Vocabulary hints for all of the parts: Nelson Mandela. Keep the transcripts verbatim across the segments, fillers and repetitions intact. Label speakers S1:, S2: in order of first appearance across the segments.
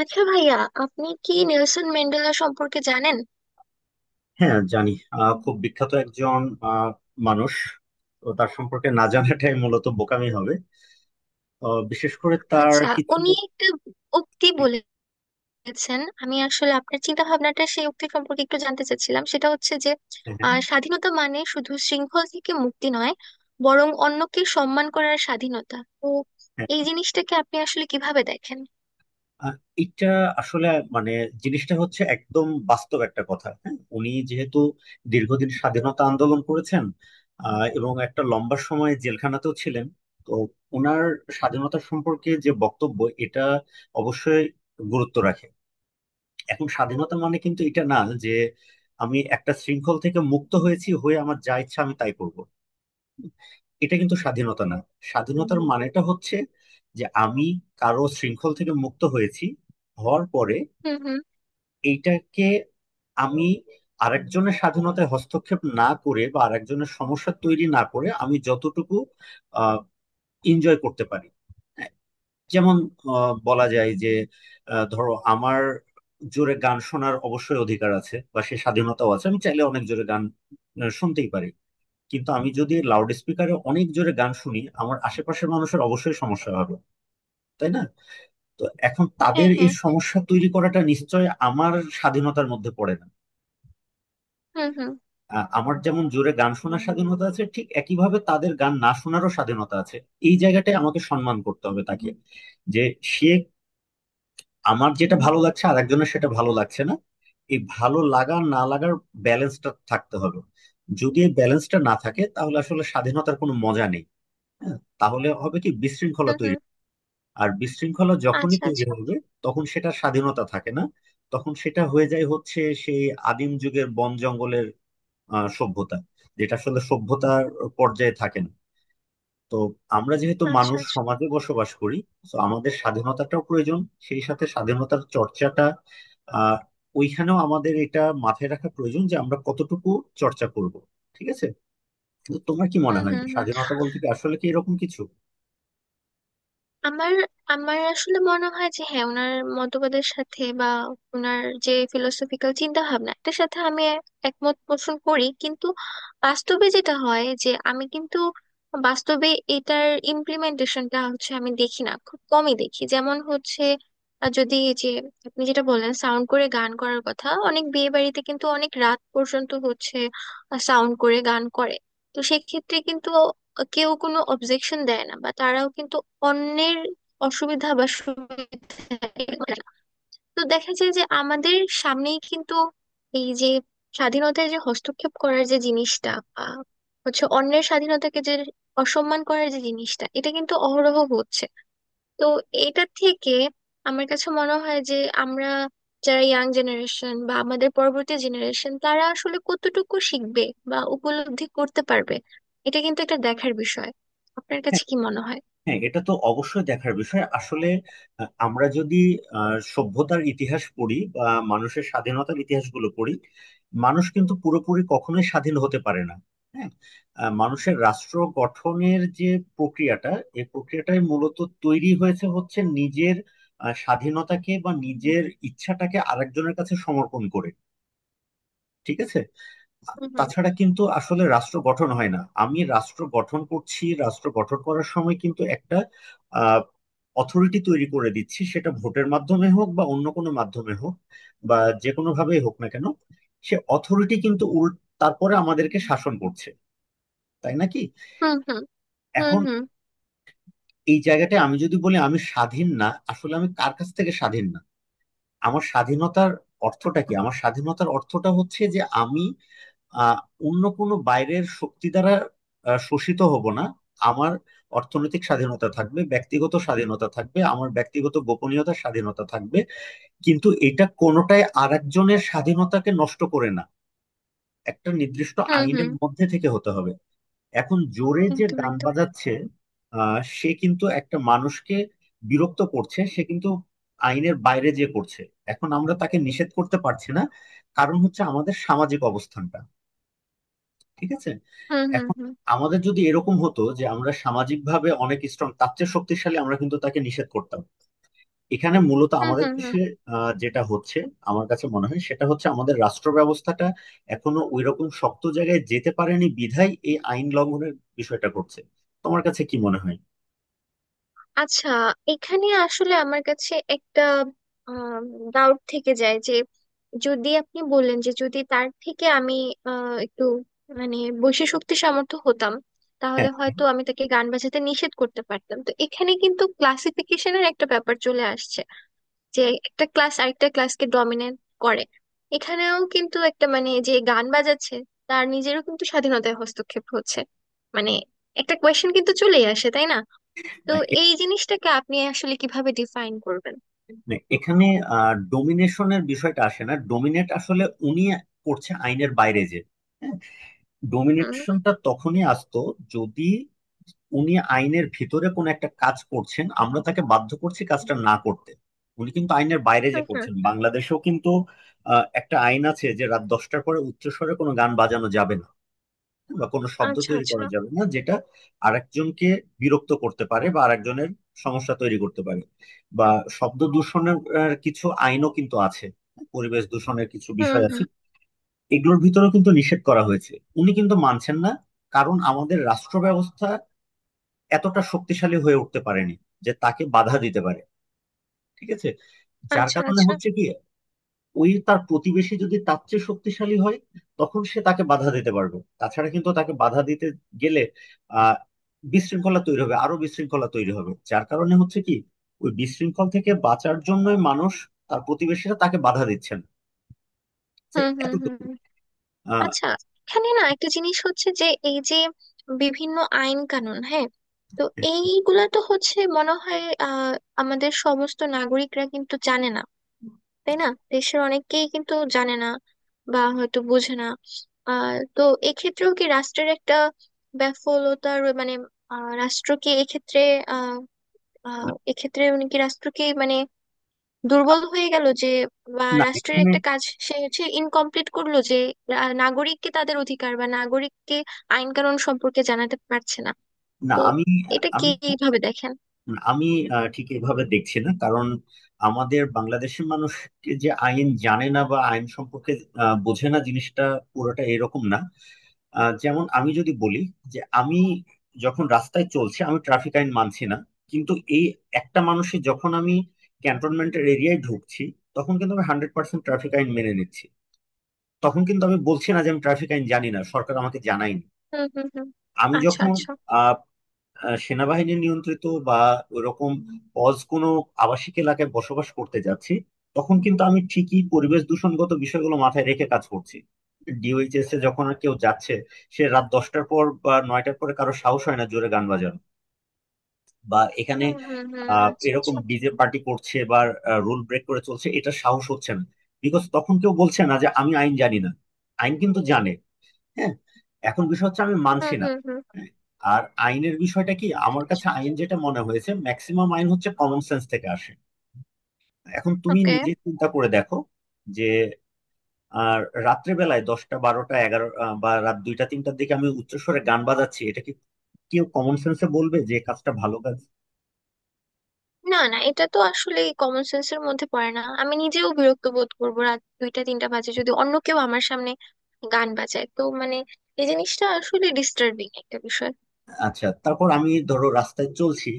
S1: আচ্ছা ভাইয়া, আপনি কি নেলসন ম্যান্ডেলা সম্পর্কে জানেন?
S2: হ্যাঁ, জানি। আহ, খুব বিখ্যাত একজন আহ, মানুষ। তো তার সম্পর্কে না জানাটাই মূলত বোকামি হবে। আহ, বিশেষ করে তার
S1: আচ্ছা,
S2: কিছু।
S1: উনি একটা উক্তি বলেছেন। আমি আসলে আপনার চিন্তা ভাবনাটা সেই উক্তি সম্পর্কে একটু জানতে চাচ্ছিলাম। সেটা হচ্ছে যে
S2: হ্যাঁ,
S1: আহ, স্বাধীনতা মানে শুধু শৃঙ্খল থেকে মুক্তি নয়, বরং অন্যকে সম্মান করার স্বাধীনতা। তো
S2: হ্যাঁ।
S1: এই জিনিসটাকে আপনি আসলে কিভাবে দেখেন?
S2: আহ, এটা আসলে মানে জিনিসটা হচ্ছে একদম বাস্তব একটা কথা। হ্যাঁ, উনি যেহেতু দীর্ঘদিন স্বাধীনতা আন্দোলন করেছেন আহ, এবং একটা লম্বা সময় জেলখানাতেও ছিলেন। তো ওনার স্বাধীনতা সম্পর্কে যে বক্তব্য, এটা অবশ্যই গুরুত্ব রাখে। এখন স্বাধীনতা মানে কিন্তু এটা না যে আমি একটা শৃঙ্খল থেকে মুক্ত হয়েছি, হয়ে আমার যা ইচ্ছা আমি তাই করব। এটা কিন্তু স্বাধীনতা না। স্বাধীনতার মানেটা হচ্ছে যে আমি কারো শৃঙ্খল থেকে মুক্ত হয়েছি, হওয়ার পরে
S1: হুম, হুম।
S2: এইটাকে আমি আরেকজনের স্বাধীনতায় হস্তক্ষেপ না করে বা আরেকজনের সমস্যা তৈরি না করে আমি যতটুকু এনজয় করতে পারি। যেমন আহ, বলা যায় যে আহ, ধরো আমার জোরে গান শোনার অবশ্যই অধিকার আছে বা সে স্বাধীনতাও আছে, আমি চাইলে অনেক জোরে গান আহ, শুনতেই পারি। কিন্তু আমি যদি লাউড স্পিকারে অনেক জোরে গান শুনি, আমার আশেপাশের মানুষের অবশ্যই সমস্যা হবে, তাই না। তো এখন
S1: হ্যাঁ,
S2: তাদের এই
S1: হ্যাঁ।
S2: সমস্যা তৈরি করাটা নিশ্চয় আমার স্বাধীনতার মধ্যে পড়ে না।
S1: হুম, হুম,
S2: আহ, আমার যেমন জোরে গান শোনার স্বাধীনতা আছে, ঠিক একইভাবে তাদের গান না শোনারও স্বাধীনতা আছে। এই জায়গাটায় আমাকে সম্মান করতে হবে তাকে, যে সে আমার যেটা ভালো লাগছে আর একজনের সেটা ভালো লাগছে না। এই ভালো লাগা না লাগার ব্যালেন্সটা থাকতে হবে। যদি এই ব্যালেন্সটা না থাকে, তাহলে আসলে স্বাধীনতার কোনো মজা নেই। হ্যাঁ, তাহলে হবে কি
S1: হুম,
S2: বিশৃঙ্খলা
S1: হুম।
S2: তৈরি। আর বিশৃঙ্খলা যখনই
S1: আচ্ছা,
S2: তৈরি
S1: আচ্ছা।
S2: হবে, তখন সেটা স্বাধীনতা থাকে না। তখন সেটা হয়ে যায় হচ্ছে সেই আদিম যুগের বন জঙ্গলের আহ, সভ্যতা, যেটা আসলে সভ্যতার পর্যায়ে থাকে না। তো আমরা যেহেতু
S1: আচ্ছা,
S2: মানুষ
S1: আচ্ছা।
S2: সমাজে বসবাস করি, তো আমাদের স্বাধীনতাটাও প্রয়োজন। সেই সাথে স্বাধীনতার চর্চাটা, আহ ওইখানেও আমাদের এটা মাথায় রাখা প্রয়োজন যে আমরা কতটুকু চর্চা করব। ঠিক আছে। তো তোমার কি মনে
S1: হুম,
S2: হয় যে
S1: হুম, হুম।
S2: স্বাধীনতা বলতে কি আসলে কি এরকম কিছু?
S1: আমার আমার আসলে মনে হয় যে হ্যাঁ, ওনার মতবাদের সাথে বা ওনার যে ফিলোসফিক্যাল চিন্তা ভাবনা, এটার সাথে আমি এ- একমত পোষণ করি। কিন্তু বাস্তবে যেটা হয় যে আমি কিন্তু বাস্তবে এটার ইমপ্লিমেন্টেশনটা হচ্ছে আমি দেখি না, খুব কমই দেখি। যেমন হচ্ছে আহ, যদি এই যে আপনি যেটা বললেন সাউন্ড করে গান করার কথা, অনেক বিয়ে বাড়িতে কিন্তু অনেক রাত পর্যন্ত হচ্ছে সাউন্ড করে গান করে। তো সেক্ষেত্রে কিন্তু কেউ কোনো অবজেকশন দেয় না, বা তারাও কিন্তু অন্যের অসুবিধা বা সুবিধা টের পায় না। তো দেখা যায় যে আমাদের সামনেই কিন্তু এই যে স্বাধীনতায় যে হস্তক্ষেপ করার যে জিনিসটা, বা হচ্ছে অন্যের স্বাধীনতাকে যে অসম্মান করার যে জিনিসটা, এটা কিন্তু অহরহ হচ্ছে। তো এটা থেকে আমার কাছে মনে হয় যে আমরা যারা ইয়াং জেনারেশন বা আমাদের পরবর্তী জেনারেশন তারা আসলে কতটুকু শিখবে বা উপলব্ধি করতে পারবে, এটা কিন্তু একটা দেখার বিষয়। আপনার কাছে কি মনে হয়?
S2: হ্যাঁ, এটা তো অবশ্যই দেখার বিষয় আসলে। আহ, আমরা যদি আহ, সভ্যতার ইতিহাস পড়ি বা মানুষের স্বাধীনতার ইতিহাসগুলো পড়ি, মানুষ কিন্তু পুরোপুরি কখনোই স্বাধীন হতে পারে না। হ্যাঁ। আহ, মানুষের রাষ্ট্র গঠনের যে প্রক্রিয়াটা, এই প্রক্রিয়াটাই মূলত তৈরি হয়েছে হচ্ছে নিজের আহ, স্বাধীনতাকে বা নিজের ইচ্ছাটাকে আরেকজনের কাছে সমর্পণ করে। ঠিক আছে।
S1: হুম,
S2: তাছাড়া কিন্তু আসলে রাষ্ট্র গঠন হয় না। আমি রাষ্ট্র গঠন করছি, রাষ্ট্র গঠন করার সময় কিন্তু একটা আহ অথরিটি তৈরি করে দিচ্ছি, সেটা ভোটের মাধ্যমে হোক বা অন্য কোনো মাধ্যমে হোক বা যে কোনো ভাবেই হোক না কেন, সে অথরিটি কিন্তু উল তারপরে আমাদেরকে শাসন করছে, তাই নাকি।
S1: হুম, হুম, হুম।
S2: এখন
S1: হুম,
S2: এই জায়গাটায় আমি যদি বলি আমি স্বাধীন না, আসলে আমি কার কাছ থেকে স্বাধীন না? আমার স্বাধীনতার অর্থটা কি? আমার স্বাধীনতার অর্থটা হচ্ছে যে আমি আহ, অন্য কোনো বাইরের শক্তি দ্বারা আহ, শোষিত হব না। আমার অর্থনৈতিক স্বাধীনতা থাকবে, ব্যক্তিগত স্বাধীনতা থাকবে, আমার ব্যক্তিগত গোপনীয়তার স্বাধীনতা থাকবে। কিন্তু এটা কোনোটাই আরেকজনের স্বাধীনতাকে নষ্ট করে না। একটা নির্দিষ্ট
S1: হুম, হুম,
S2: আইনের
S1: হুম।
S2: মধ্যে থেকে হতে হবে। এখন জোরে যে
S1: একদম,
S2: গান
S1: একদম।
S2: বাজাচ্ছে, আহ, সে কিন্তু একটা মানুষকে বিরক্ত করছে, সে কিন্তু আইনের বাইরে যে করছে। এখন আমরা তাকে নিষেধ করতে পারছি না, কারণ হচ্ছে আমাদের সামাজিক অবস্থানটা। ঠিক আছে।
S1: হুম, হুম,
S2: এখন
S1: হুম।
S2: আমাদের যদি এরকম হতো যে আমরা সামাজিকভাবে অনেক স্ট্রং, তার চেয়ে শক্তিশালী, আমরা কিন্তু তাকে নিষেধ করতাম। এখানে মূলত
S1: হুম,
S2: আমাদের
S1: হুম, হুম।
S2: দেশে আহ, যেটা হচ্ছে, আমার কাছে মনে হয় সেটা হচ্ছে আমাদের রাষ্ট্র ব্যবস্থাটা এখনো ওইরকম শক্ত জায়গায় যেতে পারেনি, বিধায় এই আইন লঙ্ঘনের বিষয়টা করছে। তোমার কাছে কি মনে হয়?
S1: আচ্ছা, এখানে আসলে আমার কাছে একটা ডাউট থেকে যায় যে যদি আপনি বললেন যে যদি তার থেকে আমি আহ, একটু মানে বৈশী শক্তি সামর্থ্য হতাম,
S2: হ্যাঁ।
S1: তাহলে হয়তো আমি তাকে গান বাজাতে নিষেধ করতে পারতাম। তো এখানে কিন্তু ক্লাসিফিকেশনের একটা ব্যাপার চলে আসছে যে একটা ক্লাস আরেকটা ক্লাসকে ডমিনেট করে। এখানেও কিন্তু একটা মানে যে গান বাজাচ্ছে তার নিজেরও কিন্তু স্বাধীনতায় হস্তক্ষেপ হচ্ছে, মানে একটা কোয়েশ্চেন কিন্তু চলেই আসে, তাই না? তো
S2: না, এ-
S1: এই জিনিসটাকে আপনি আসলে কিভাবে ডিফাইন করবেন?
S2: না, এখানে ডোমিনেশনের বিষয়টা আসে না। ডোমিনেট আসলে উনি করছে আইনের বাইরে যে। হ্যাঁ,
S1: হুম,
S2: ডোমিনেশনটা তখনই আসতো যদি উনি আইনের ভিতরে কোন একটা কাজ করছেন, আমরা তাকে বাধ্য করছি কাজটা না করতে। উনি কিন্তু আইনের বাইরে যে
S1: হুম, হুম।
S2: করছেন। বাংলাদেশেও কিন্তু আহ, একটা আইন আছে যে রাত দশটার পরে উচ্চস্বরে কোনো গান বাজানো যাবে না বা কোনো শব্দ
S1: আচ্ছা,
S2: তৈরি
S1: আচ্ছা।
S2: করা যাবে না, যেটা আরেকজনকে বিরক্ত করতে পারে বা আরেকজনের সমস্যা তৈরি করতে পারে। বা শব্দ দূষণের আহ, কিছু আইনও কিন্তু আছে। পরিবেশ দূষণের কিছু
S1: হুম,
S2: বিষয় আছে।
S1: হুম।
S2: এগুলোর ভিতরেও কিন্তু নিষেধ করা হয়েছে। উনি কিন্তু মানছেন না, কারণ আমাদের রাষ্ট্র ব্যবস্থা এতটা শক্তিশালী হয়ে উঠতে পারেনি যে তাকে বাধা দিতে পারে। ঠিক আছে। যার
S1: আচ্ছা,
S2: কারণে
S1: আচ্ছা।
S2: হচ্ছে কি, ওই তার প্রতিবেশী যদি তার চেয়ে শক্তিশালী হয়, তখন সে তাকে বাধা দিতে পারবে। তাছাড়া কিন্তু তাকে বাধা দিতে গেলে আহ বিশৃঙ্খলা তৈরি হবে, আরো বিশৃঙ্খলা তৈরি হবে। যার কারণে হচ্ছে কি, ওই বিশৃঙ্খল থেকে বাঁচার জন্যই মানুষ, তার প্রতিবেশীরা তাকে বাধা দিচ্ছেন, যে
S1: হুম, হুম, হুম,
S2: এতটুকু।
S1: হুম।
S2: আহ,
S1: আচ্ছা, এখানে না একটা জিনিস হচ্ছে যে এই যে বিভিন্ন আইন কানুন, হ্যাঁ। তো এইগুলা তো হচ্ছে মনে হয় আহ আমাদের সমস্ত নাগরিকরা কিন্তু জানে না, তাই না? দেশের অনেকেই কিন্তু জানে না, বা হয়তো বোঝে না। আহ তো এক্ষেত্রেও কি রাষ্ট্রের একটা ব্যাফলতার মানে, আহ রাষ্ট্র কি এক্ষেত্রে, আহ এক্ষেত্রে উনি কি রাষ্ট্রকে মানে দুর্বল হয়ে গেল, যে বা
S2: না
S1: রাষ্ট্রের একটা
S2: এখানে-
S1: কাজ সে হচ্ছে ইনকমপ্লিট করলো, যে আহ, নাগরিককে তাদের অধিকার বা নাগরিককে আইন কানুন সম্পর্কে জানাতে পারছে না?
S2: না
S1: তো
S2: আমি
S1: এটা কি
S2: আমি
S1: এইভাবে দেখেন?
S2: আমি আহ, ঠিক এভাবে দেখছি না। কারণ আমাদের বাংলাদেশের মানুষকে যে আইন জানে না বা আইন সম্পর্কে আহ, বোঝে না, জিনিসটা পুরোটা এরকম না। আহ, যেমন আমি যদি বলি যে আমি যখন রাস্তায় চলছি, আমি ট্রাফিক আইন মানছি না। কিন্তু এই একটা মানুষে যখন আমি ক্যান্টনমেন্টের এরিয়ায় ঢুকছি, তখন কিন্তু আমি হান্ড্রেড পার্সেন্ট ট্রাফিক আইন মেনে নিচ্ছি। তখন কিন্তু আমি বলছি না যে আমি ট্রাফিক আইন জানি না, সরকার আমাকে জানায়নি।
S1: হুম, হুম, হুম।
S2: আমি
S1: আচ্ছা,
S2: যখন
S1: আচ্ছা।
S2: আহ, সেনাবাহিনী নিয়ন্ত্রিত বা ওইরকম অজ কোনো আবাসিক এলাকায় বসবাস করতে যাচ্ছি, তখন কিন্তু আমি ঠিকই পরিবেশ দূষণগত বিষয়গুলো মাথায় রেখে কাজ করছি। D O H S A যখন আর কেউ যাচ্ছে, সে রাত দশটার পর বা নয়টার পরে কারো সাহস হয় না জোরে গান বাজানো বা এখানে
S1: হুম, হুম, হুম।
S2: আহ
S1: আচ্ছা,
S2: এরকম
S1: আচ্ছা।
S2: ডিজে পার্টি করছে বা রুল ব্রেক করে চলছে, এটা সাহস হচ্ছে না। বিকজ তখন কেউ বলছে না যে আমি আইন জানি না। আইন কিন্তু জানে। হ্যাঁ। এখন বিষয় হচ্ছে আমি
S1: হুম,
S2: মানছি না।
S1: হুম, হুম।
S2: হ্যাঁ, আর আইনের বিষয়টা কি,
S1: আচ্ছা,
S2: আমার
S1: আচ্ছা।
S2: কাছে আইন যেটা মনে হয়েছে, ম্যাক্সিমাম আইন হচ্ছে কমন সেন্স থেকে আসে। এখন তুমি
S1: ওকে।
S2: নিজে চিন্তা করে দেখো যে, আর রাত্রে বেলায় দশটা বারোটা এগারো আহ, বা রাত দুইটা তিনটার দিকে আমি উচ্চস্বরে গান বাজাচ্ছি, এটা কি কেউ কমন সেন্সে বলবে যে কাজটা ভালো কাজ?
S1: না, না, এটা তো আসলে কমন সেন্সের মধ্যে পড়ে না। আমি নিজেও বিরক্ত বোধ করবো রাত দুইটা তিনটা বাজে যদি অন্য কেউ আমার সামনে গান বাজায়। তো মানে এই জিনিসটা আসলে ডিস্টার্বিং একটা বিষয়।
S2: আচ্ছা, তারপর আমি ধরো রাস্তায় চলছি।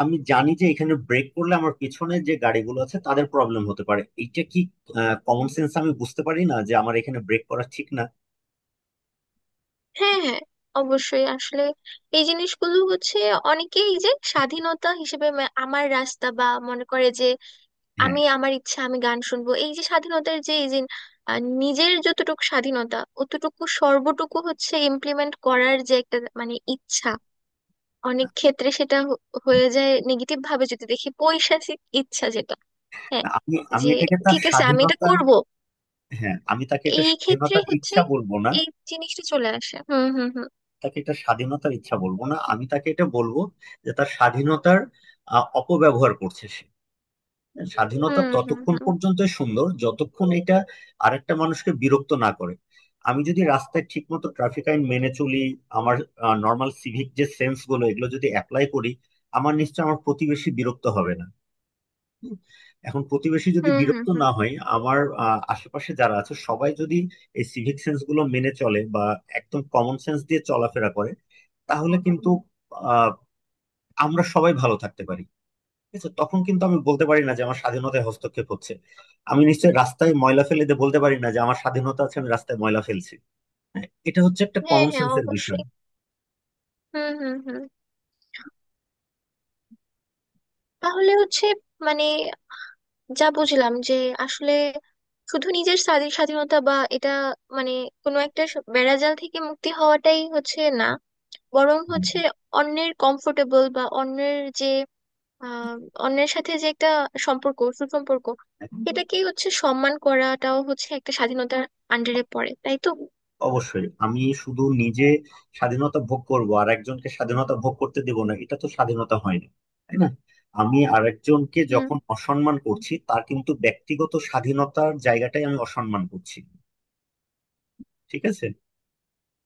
S2: আমি জানি যে এখানে ব্রেক করলে আমার পিছনে যে গাড়িগুলো আছে, তাদের প্রবলেম হতে পারে। এইটা কি কমন সেন্স আমি বুঝতে পারি না যে আমার এখানে ব্রেক করা ঠিক না?
S1: হ্যাঁ, হ্যাঁ, অবশ্যই। আসলে এই জিনিসগুলো হচ্ছে, অনেকেই এই যে স্বাধীনতা হিসেবে মা- আমার রাস্তা বা মনে করে যে
S2: হ্যাঁ।
S1: আমি আমার ইচ্ছা, আমি গান শুনবো। এই যে স্বাধীনতার যে এই যে আহ, নিজের যতটুকু স্বাধীনতা অতটুকু সর্বটুকু হচ্ছে ইমপ্লিমেন্ট করার যে একটা মানে ইচ্ছা, অনেক ক্ষেত্রে সেটা হ- হয়ে যায় নেগেটিভ ভাবে, যদি দেখি পৈশাচিক ইচ্ছা যেটা। হ্যাঁ,
S2: আমি আমি
S1: যে
S2: এটাকে তার
S1: ঠিক আছে আমি এটা
S2: স্বাধীনতার।
S1: করব।
S2: হ্যাঁ, আমি তাকে এটা
S1: এই ক্ষেত্রে
S2: স্বাধীনতার
S1: হচ্ছে
S2: ইচ্ছা বলবো না
S1: এই জিনিসটা চলে আসে। হুম, হুম, হুম।
S2: তাকে এটা স্বাধীনতার ইচ্ছা বলবো না আমি তাকে এটা বলবো যে তার স্বাধীনতার আহ, অপব্যবহার করছে সে। স্বাধীনতা
S1: হুম, হুম,
S2: ততক্ষণ
S1: হুম।
S2: পর্যন্ত সুন্দর যতক্ষণ এটা আরেকটা মানুষকে বিরক্ত না করে। আমি যদি রাস্তায় ঠিকমতো ট্রাফিক আইন মেনে চলি, আমার নর্মাল সিভিক যে সেন্স গুলো, এগুলো যদি অ্যাপ্লাই করি, আমার নিশ্চয় আমার প্রতিবেশী বিরক্ত হবে না। হুম। এখন প্রতিবেশী যদি
S1: হুম, হুম,
S2: বিরক্ত
S1: হুম।
S2: না হয়, আমার আহ, আশেপাশে যারা আছে সবাই যদি এই সিভিক সেন্স গুলো মেনে চলে বা একদম কমন সেন্স দিয়ে চলাফেরা করে, তাহলে কিন্তু আহ, আমরা সবাই ভালো থাকতে পারি। ঠিক আছে। তখন কিন্তু আমি বলতে পারি না যে আমার স্বাধীনতায় হস্তক্ষেপ হচ্ছে। আমি নিশ্চয়ই রাস্তায় ময়লা ফেলে দিয়ে বলতে পারি না যে আমার স্বাধীনতা আছে, আমি রাস্তায় ময়লা ফেলছি। হ্যাঁ, এটা হচ্ছে একটা
S1: হ্যাঁ,
S2: কমন
S1: হ্যাঁ,
S2: সেন্সের বিষয়।
S1: অবশ্যই। হুম, হুম, হুম। তাহলে হচ্ছে মানে যা বুঝলাম যে আসলে শুধু নিজের স্বাধী- স্বাধীনতা, বা এটা মানে কোনো একটা স- বেড়াজাল থেকে মুক্তি হওয়াটাই হচ্ছে না, বরং
S2: হুম।
S1: হচ্ছে অন্যের কমফোর্টেবল বা অন্যের যে আহ অন্যের সাথে যে একটা সম্পর্ক সুসম্পর্ক,
S2: হ্যাঁ,
S1: এটাকেই হচ্ছে সম্মান করাটাও হচ্ছে একটা স্বাধীনতার আন্ডারে পড়ে, তাই তো?
S2: অবশ্যই আমি শুধু নিজে স্বাধীনতা ভোগ করব আর একজনকে স্বাধীনতা ভোগ করতে দেব না, এটা তো স্বাধীনতা হয় না। তাই না। আমি আরেকজনকে যখন অসম্মান করছি, তার কিন্তু ব্যক্তিগত স্বাধীনতার জায়গাটাই আমি অসম্মান করছি। ঠিক আছে।